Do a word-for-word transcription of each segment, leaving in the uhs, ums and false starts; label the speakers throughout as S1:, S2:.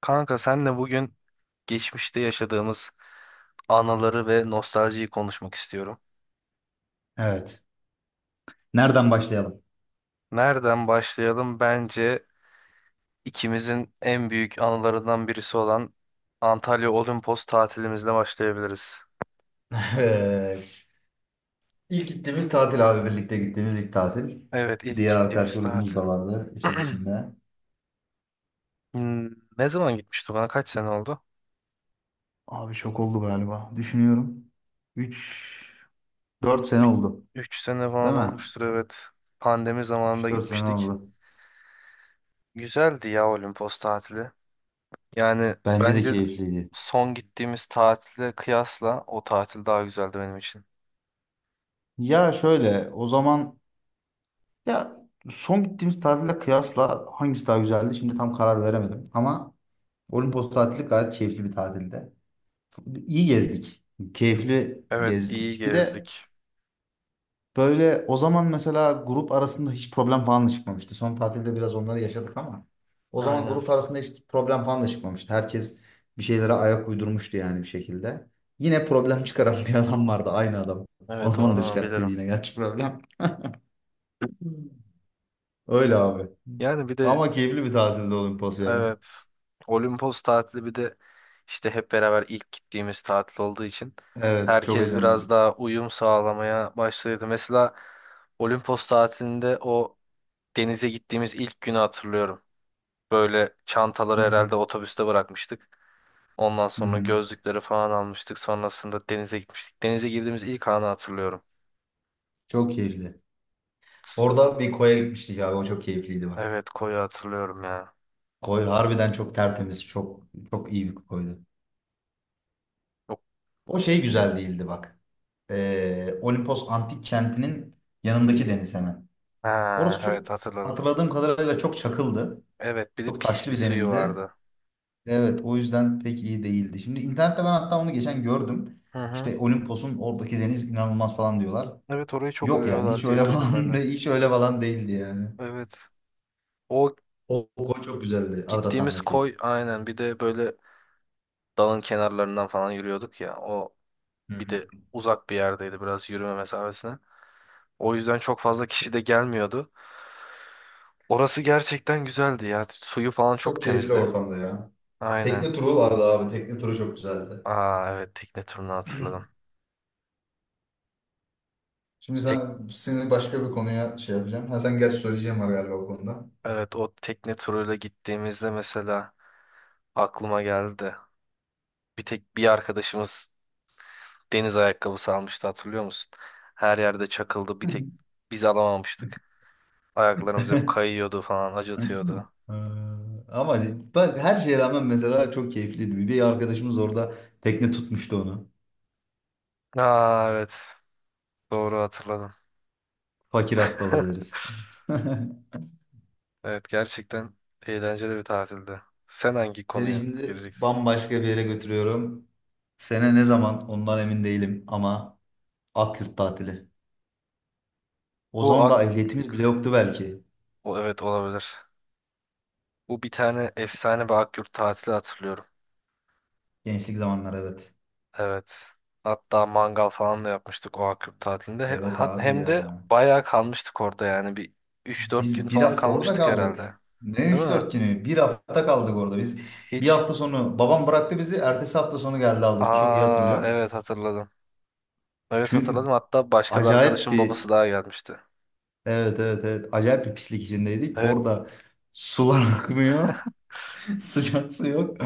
S1: Kanka senle bugün geçmişte yaşadığımız anıları ve nostaljiyi konuşmak istiyorum.
S2: Evet. Nereden başlayalım?
S1: Nereden başlayalım? Bence ikimizin en büyük anılarından birisi olan Antalya Olimpos tatilimizle başlayabiliriz.
S2: Eee, İlk gittiğimiz tatil abi birlikte gittiğimiz ilk tatil.
S1: Evet, ilk
S2: Diğer arkadaş
S1: gittiğimiz
S2: grubumuz
S1: tatil.
S2: da vardı işin içinde.
S1: Hmm, ne zaman gitmiştik ona? Kaç sene oldu?
S2: Abi şok oldu galiba. Düşünüyorum. Üç dört sene
S1: Üç
S2: oldu.
S1: üç sene falan
S2: Değil mi?
S1: olmuştur, evet. Pandemi zamanında
S2: Üç dört sene
S1: gitmiştik.
S2: oldu.
S1: Güzeldi ya Olimpos tatili. Yani
S2: Bence de
S1: bence
S2: keyifliydi.
S1: son gittiğimiz tatile kıyasla o tatil daha güzeldi benim için.
S2: Ya şöyle o zaman ya son gittiğimiz tatille kıyasla hangisi daha güzeldi? Şimdi tam karar veremedim. Ama Olimpos tatili gayet keyifli bir tatildi. İyi gezdik. Keyifli
S1: Evet, iyi
S2: gezdik. Bir de
S1: gezdik.
S2: böyle o zaman mesela grup arasında hiç problem falan da çıkmamıştı. Son tatilde biraz onları yaşadık ama o zaman
S1: Aynen.
S2: grup arasında hiç problem falan da çıkmamıştı. Herkes bir şeylere ayak uydurmuştu yani bir şekilde. Yine problem çıkaran bir adam vardı aynı adam. O
S1: Evet, o
S2: zaman da
S1: adamı
S2: çıkarttıydı
S1: bilirim.
S2: yine gerçi problem. Öyle abi.
S1: Yani bir de
S2: Ama keyifli bir tatilde Olimpos ya.
S1: evet, Olimpos tatili bir de işte hep beraber ilk gittiğimiz tatil olduğu için
S2: Evet çok
S1: herkes biraz
S2: heyecanlıydık.
S1: daha uyum sağlamaya başladı. Mesela Olimpos tatilinde o denize gittiğimiz ilk günü hatırlıyorum. Böyle
S2: Hı
S1: çantaları herhalde
S2: hı,
S1: otobüste bırakmıştık. Ondan
S2: hı
S1: sonra
S2: hı.
S1: gözlükleri falan almıştık. Sonrasında denize gitmiştik. Denize girdiğimiz ilk anı hatırlıyorum.
S2: Çok keyifli. Orada bir koya gitmiştik abi o çok keyifliydi bak.
S1: Evet, koyu hatırlıyorum ya.
S2: Koy harbiden çok tertemiz çok çok iyi bir koydu.
S1: Yok.
S2: O şey güzel değildi bak. Ee, Olimpos Antik Kenti'nin yanındaki deniz hemen.
S1: Ha,
S2: Orası çok
S1: evet, hatırladım.
S2: hatırladığım kadarıyla çok çakıldı.
S1: Evet, bir de
S2: Çok
S1: pis
S2: taşlı
S1: bir
S2: bir
S1: suyu
S2: denizdi.
S1: vardı.
S2: Evet o yüzden pek iyi değildi. Şimdi internette ben hatta onu geçen gördüm.
S1: Hı hı.
S2: İşte Olimpos'un oradaki deniz inanılmaz falan diyorlar.
S1: Evet, orayı çok
S2: Yok yani
S1: övüyorlar
S2: hiç
S1: diye
S2: öyle
S1: duydum ben
S2: falan
S1: de.
S2: de, hiç öyle falan değildi yani.
S1: Evet. O
S2: O, o koy çok güzeldi
S1: gittiğimiz
S2: Adrasan'daki.
S1: koy, aynen, bir de böyle dalın kenarlarından falan yürüyorduk ya. O
S2: Hı
S1: bir
S2: hı.
S1: de uzak bir yerdeydi, biraz yürüme mesafesine. O yüzden çok fazla kişi de gelmiyordu. Orası gerçekten güzeldi ya. Suyu falan çok
S2: Çok keyifli
S1: temizdi.
S2: ortamda ya.
S1: Aynen.
S2: Tekne turu vardı abi. Tekne turu çok güzeldi.
S1: Aa, evet, tekne turunu hatırladım.
S2: Şimdi
S1: Tek
S2: sen, seni başka bir konuya şey yapacağım. Ha, sen gerçi söyleyeceğim var galiba bu konuda.
S1: evet, o tekne turuyla gittiğimizde mesela aklıma geldi. Bir tek bir arkadaşımız deniz ayakkabısı almıştı, hatırlıyor musun? Her yerde çakıldı, bir tek biz alamamıştık. Ayaklarımız hep kayıyordu falan, acıtıyordu.
S2: Ee, Ama bak her şeye rağmen mesela çok keyifliydi. Bir arkadaşımız orada tekne tutmuştu onu.
S1: Aa, evet, doğru, hatırladım.
S2: Fakir hastalığı deriz.
S1: Evet, gerçekten eğlenceli bir tatildi. Sen hangi
S2: Seni
S1: konuya
S2: şimdi
S1: gireceksin?
S2: bambaşka bir yere götürüyorum. Sene ne zaman ondan emin değilim ama Akyurt tatili. O
S1: Bu
S2: zaman
S1: ak
S2: da ehliyetimiz bile yoktu belki.
S1: o, evet, olabilir. Bu bir tane efsane bir Akyurt tatili hatırlıyorum.
S2: Gençlik zamanlar evet.
S1: Evet. Hatta mangal falan da yapmıştık o Akkup tatilinde. He-
S2: Evet
S1: hat-
S2: abi
S1: Hem de
S2: ya.
S1: bayağı kalmıştık orada yani. Bir üç dört gün
S2: Biz bir
S1: falan
S2: hafta orada
S1: kalmıştık
S2: kaldık.
S1: herhalde.
S2: Ne
S1: Değil
S2: üç
S1: mi?
S2: dört günü? Bir hafta kaldık orada biz. Bir
S1: Hiç.
S2: hafta sonu babam bıraktı bizi. Ertesi hafta sonu geldi aldı. Çok iyi
S1: Aa,
S2: hatırlıyorum.
S1: evet, hatırladım. Evet, hatırladım.
S2: Çünkü
S1: Hatta başka bir
S2: acayip
S1: arkadaşın
S2: bir
S1: babası daha gelmişti.
S2: evet evet evet acayip bir pislik içindeydik.
S1: Evet.
S2: Orada sular akmıyor. Sıcak su yok.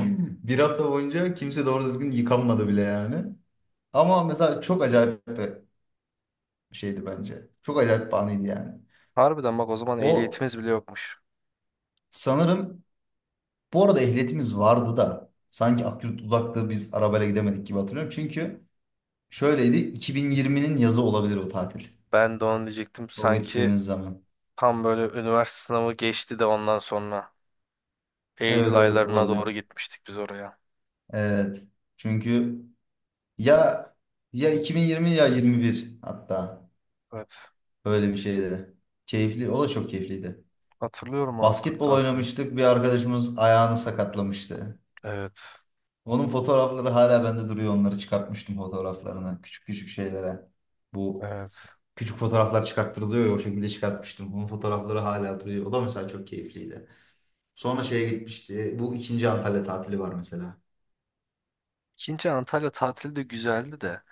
S2: Bir hafta boyunca kimse doğru düzgün yıkanmadı bile yani. Ama mesela çok acayip bir şeydi bence. Çok acayip bir anıydı yani.
S1: Harbiden bak, o zaman
S2: O
S1: ehliyetimiz bile yokmuş.
S2: sanırım. Bu arada ehliyetimiz vardı da sanki Akyurt uzaktı biz arabayla gidemedik gibi hatırlıyorum. Çünkü şöyleydi iki bin yirminin yazı olabilir o tatil.
S1: Ben de onu diyecektim.
S2: O
S1: Sanki
S2: gittiğimiz zaman.
S1: tam böyle üniversite sınavı geçti de ondan sonra Eylül
S2: Evet evet
S1: aylarına doğru
S2: olabilir.
S1: gitmiştik biz oraya.
S2: Evet. Çünkü ya ya iki bin yirmi ya yirmi bir hatta
S1: Evet.
S2: öyle bir şeydi. Keyifli. O da çok keyifliydi.
S1: Hatırlıyorum o Akkup
S2: Basketbol
S1: tatilini.
S2: oynamıştık. Bir arkadaşımız ayağını sakatlamıştı.
S1: Evet.
S2: Onun fotoğrafları hala bende duruyor. Onları çıkartmıştım fotoğraflarını. Küçük küçük şeylere. Bu
S1: Evet.
S2: Küçük fotoğraflar çıkarttırılıyor ya o şekilde çıkartmıştım. Onun fotoğrafları hala duruyor. O da mesela çok keyifliydi. Sonra şeye gitmişti. Bu ikinci Antalya tatili var mesela.
S1: İkinci Antalya tatili de güzeldi de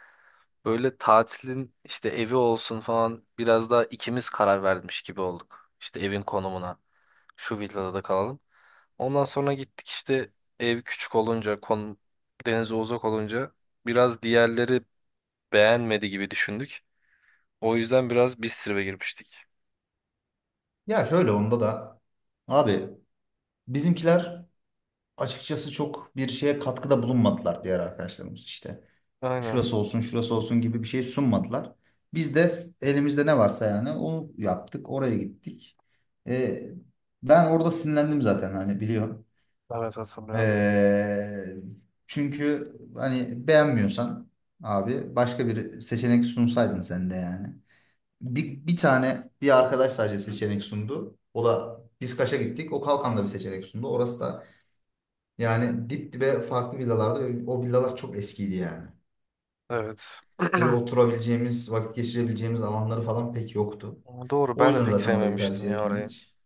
S1: böyle tatilin işte evi olsun falan biraz daha ikimiz karar vermiş gibi olduk. İşte evin konumuna, şu villada da kalalım. Ondan sonra gittik işte, ev küçük olunca, konum denize uzak olunca biraz diğerleri beğenmedi gibi düşündük. O yüzden biraz Bistrip'e girmiştik.
S2: Ya şöyle onda da abi bizimkiler açıkçası çok bir şeye katkıda bulunmadılar diğer arkadaşlarımız işte.
S1: Aynen.
S2: Şurası olsun şurası olsun gibi bir şey sunmadılar. Biz de elimizde ne varsa yani onu yaptık oraya gittik. Ee, ben orada sinirlendim zaten hani biliyorum.
S1: Evet, hatırlıyorum.
S2: Ee, çünkü hani beğenmiyorsan abi başka bir seçenek sunsaydın sen de yani. Bir, bir tane bir arkadaş sadece seçenek sundu. O da biz Kaş'a gittik. O Kalkan'da bir seçenek sundu. Orası da yani dip dibe farklı villalardı ve o villalar çok eskiydi yani.
S1: Evet.
S2: Böyle oturabileceğimiz, vakit geçirebileceğimiz alanları falan pek yoktu.
S1: Ama doğru,
S2: O
S1: ben de
S2: yüzden
S1: pek
S2: zaten orayı
S1: sevmemiştim
S2: tercih
S1: ya orayı.
S2: etmedik.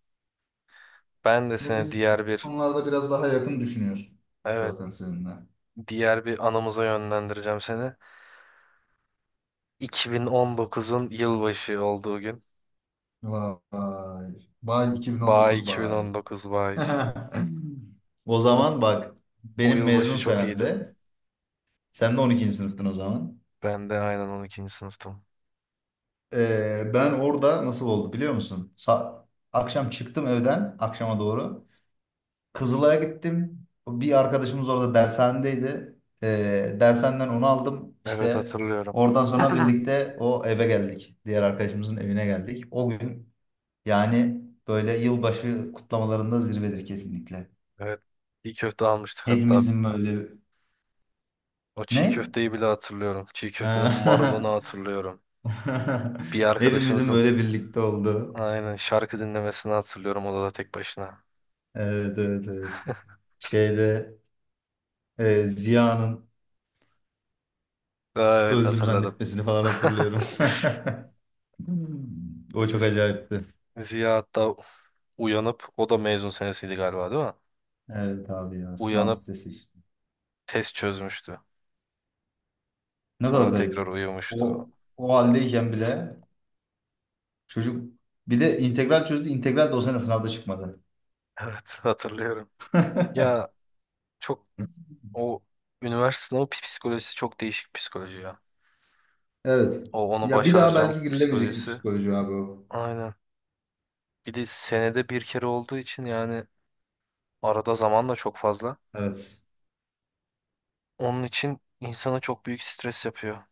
S1: Ben de
S2: Bu
S1: seni
S2: Biz
S1: diğer bir
S2: konularda biraz daha yakın düşünüyoruz
S1: evet,
S2: zaten seninle.
S1: diğer bir anımıza yönlendireceğim seni. iki bin on dokuzun yılbaşı olduğu gün.
S2: Vay. Bay
S1: Bay
S2: iki bin on dokuz bay.
S1: iki bin on dokuz bay.
S2: O
S1: O,
S2: zaman bak
S1: o
S2: benim mezun
S1: yılbaşı çok iyiydi.
S2: senemde sen de on ikinci sınıftın o zaman.
S1: Ben de aynen on ikinci sınıftım.
S2: Ee, ben orada nasıl oldu biliyor musun? Sa- akşam çıktım evden akşama doğru. Kızılay'a gittim. Bir arkadaşımız orada dershanedeydi. Ee, dershaneden onu aldım.
S1: Evet,
S2: İşte
S1: hatırlıyorum.
S2: oradan sonra birlikte o eve geldik. Diğer arkadaşımızın evine geldik. O gün yani böyle yılbaşı kutlamalarında zirvedir kesinlikle.
S1: Evet. Çiğ köfte almıştık hatta.
S2: Hepimizin böyle
S1: O çiğ
S2: ne?
S1: köfteyi bile hatırlıyorum. Çiğ köftenin marulunu
S2: Ha.
S1: hatırlıyorum. Bir
S2: Hepimizin
S1: arkadaşımızın,
S2: böyle birlikte olduğu.
S1: aynen, şarkı dinlemesini hatırlıyorum odada tek başına.
S2: Evet evet evet. Şeyde e, Ziya'nın
S1: Aa, evet,
S2: öldüm
S1: hatırladım.
S2: zannetmesini falan hatırlıyorum. Hmm. O çok
S1: Z-
S2: acayipti.
S1: Ziya hatta uyanıp, o da mezun senesiydi galiba, değil mi?
S2: Evet abi ya sınav
S1: Uyanıp
S2: stresi işte.
S1: test çözmüştü.
S2: Ne kadar
S1: Sonra tekrar
S2: garip.
S1: uyumuştu.
S2: O, o haldeyken bile çocuk bir de integral çözdü. İntegral de o sene sınavda çıkmadı.
S1: Evet, hatırlıyorum. Ya çok o üniversite sınavı pi- psikolojisi çok değişik psikoloji ya.
S2: Evet.
S1: O onu
S2: Ya bir daha
S1: başaracağım
S2: belki girilemeyecek bir
S1: psikolojisi.
S2: psikoloji abi o.
S1: Aynen. Bir de senede bir kere olduğu için yani arada zaman da çok fazla.
S2: Evet.
S1: Onun için insana çok büyük stres yapıyor.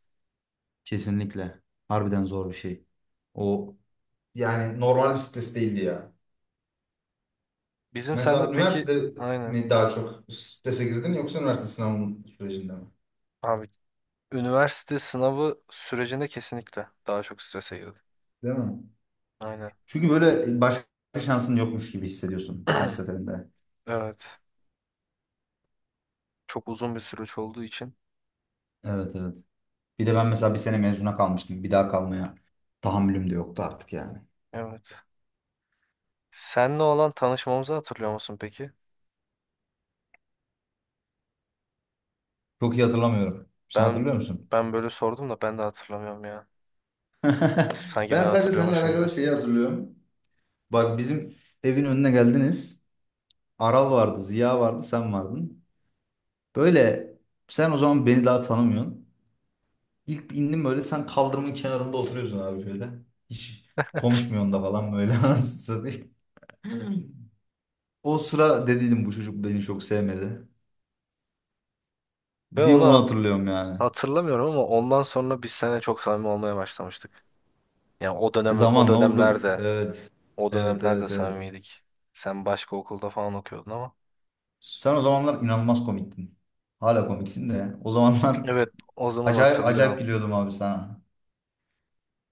S2: Kesinlikle. Harbiden zor bir şey. O Yani normal bir stres değildi ya.
S1: Bizim sende
S2: Mesela
S1: peki,
S2: üniversitede
S1: aynen
S2: mi daha çok strese girdin yoksa üniversite sınavının sürecinde mi?
S1: abi, üniversite sınavı sürecinde kesinlikle daha çok strese girdim.
S2: Değil mi?
S1: Aynen.
S2: Çünkü böyle başka şansın yokmuş gibi hissediyorsun her seferinde.
S1: Evet. Çok uzun bir süreç olduğu için.
S2: Evet evet. Bir de ben mesela bir sene mezuna kalmıştım. Bir daha kalmaya tahammülüm de yoktu artık yani.
S1: Evet. Senle olan tanışmamızı hatırlıyor musun peki?
S2: Çok iyi hatırlamıyorum. Sen
S1: Ben
S2: hatırlıyor musun?
S1: ben böyle sordum da ben de hatırlamıyorum ya. Sanki
S2: Ben
S1: ben
S2: sadece seninle
S1: hatırlıyormuşum gibi.
S2: alakalı şeyi hatırlıyorum. Bak bizim evin önüne geldiniz. Aral vardı, Ziya vardı, sen vardın. Böyle sen o zaman beni daha tanımıyorsun. İlk indim böyle sen kaldırımın kenarında oturuyorsun abi şöyle. Hiç konuşmuyorsun da falan böyle anasını satayım. O sıra dediydim bu çocuk beni çok sevmedi.
S1: Ben
S2: Bir
S1: onu
S2: onu
S1: hat-
S2: hatırlıyorum yani.
S1: hatırlamıyorum ama ondan sonra biz seninle çok samimi olmaya başlamıştık. Yani o dönem o
S2: Zamanla olduk.
S1: dönemlerde
S2: Evet.
S1: o
S2: Evet
S1: dönemlerde
S2: evet evet.
S1: samimiydik. Sen başka okulda falan okuyordun ama.
S2: Sen o zamanlar inanılmaz komiktin. Hala komiksin de. O zamanlar
S1: Evet, o zaman
S2: acayip acayip
S1: hatırlıyorum.
S2: gülüyordum abi sana.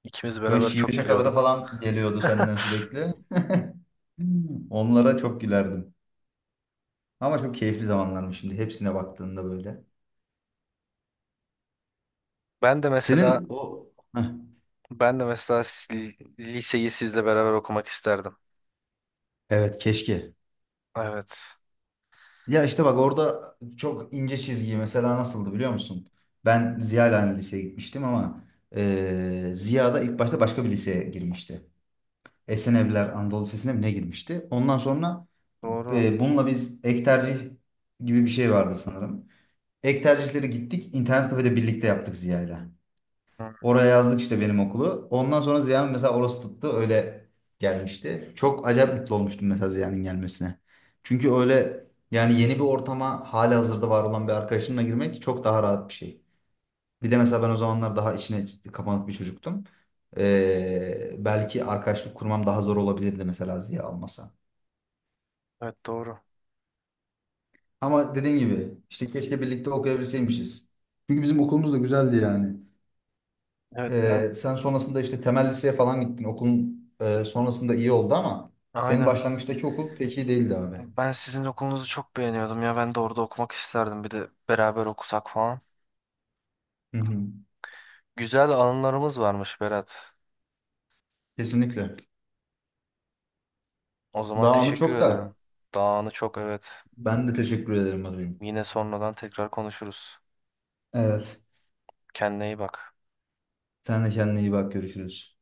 S1: İkimiz
S2: Böyle
S1: beraber
S2: şive
S1: çok
S2: şakaları
S1: gülüyorduk.
S2: falan geliyordu senden sürekli. Hmm. Onlara çok gülerdim. Ama çok keyifli zamanlarmış şimdi hepsine baktığında böyle.
S1: Ben de mesela,
S2: Senin o. Heh,
S1: ben de mesela s- liseyi sizle beraber okumak isterdim.
S2: evet keşke.
S1: Evet.
S2: Ya işte bak orada çok ince çizgi mesela nasıldı biliyor musun? Ben Ziya ile aynı liseye gitmiştim ama eee Ziya da ilk başta başka bir liseye girmişti. Esenevler Anadolu Lisesi'ne mi ne girmişti? Ondan sonra
S1: Doğru.
S2: eee, bununla biz ek tercih gibi bir şey vardı sanırım. Ek tercihleri gittik internet kafede birlikte yaptık Ziya ile.
S1: Hı,
S2: Oraya yazdık işte benim okulu. Ondan sonra Ziya'nın mesela orası tuttu. Öyle gelmişti. Çok acayip mutlu olmuştum mesela Ziya'nın gelmesine. Çünkü öyle yani yeni bir ortama hali hazırda var olan bir arkadaşınla girmek çok daha rahat bir şey. Bir de mesela ben o zamanlar daha içine kapanık bir çocuktum. Ee, belki arkadaşlık kurmam daha zor olabilirdi mesela Ziya almasa.
S1: evet, doğru.
S2: Ama dediğin gibi işte keşke birlikte okuyabilseymişiz. Çünkü bizim okulumuz da güzeldi yani.
S1: Evet ben
S2: Ee, sen sonrasında işte temel liseye falan gittin. Okulun e, sonrasında iyi oldu ama senin
S1: aynen.
S2: başlangıçtaki okul pek iyi değildi abi.
S1: Ben sizin okulunuzu çok beğeniyordum ya. Ben de orada okumak isterdim. Bir de beraber okusak falan.
S2: Hı hı.
S1: Güzel anılarımız varmış Berat.
S2: Kesinlikle.
S1: O zaman
S2: Daha anı
S1: teşekkür
S2: çok da
S1: ederim. Dağını çok, evet.
S2: ben de teşekkür ederim Arucuğum.
S1: Yine sonradan tekrar konuşuruz.
S2: Evet.
S1: Kendine iyi bak.
S2: Sen de kendine iyi bak. Görüşürüz.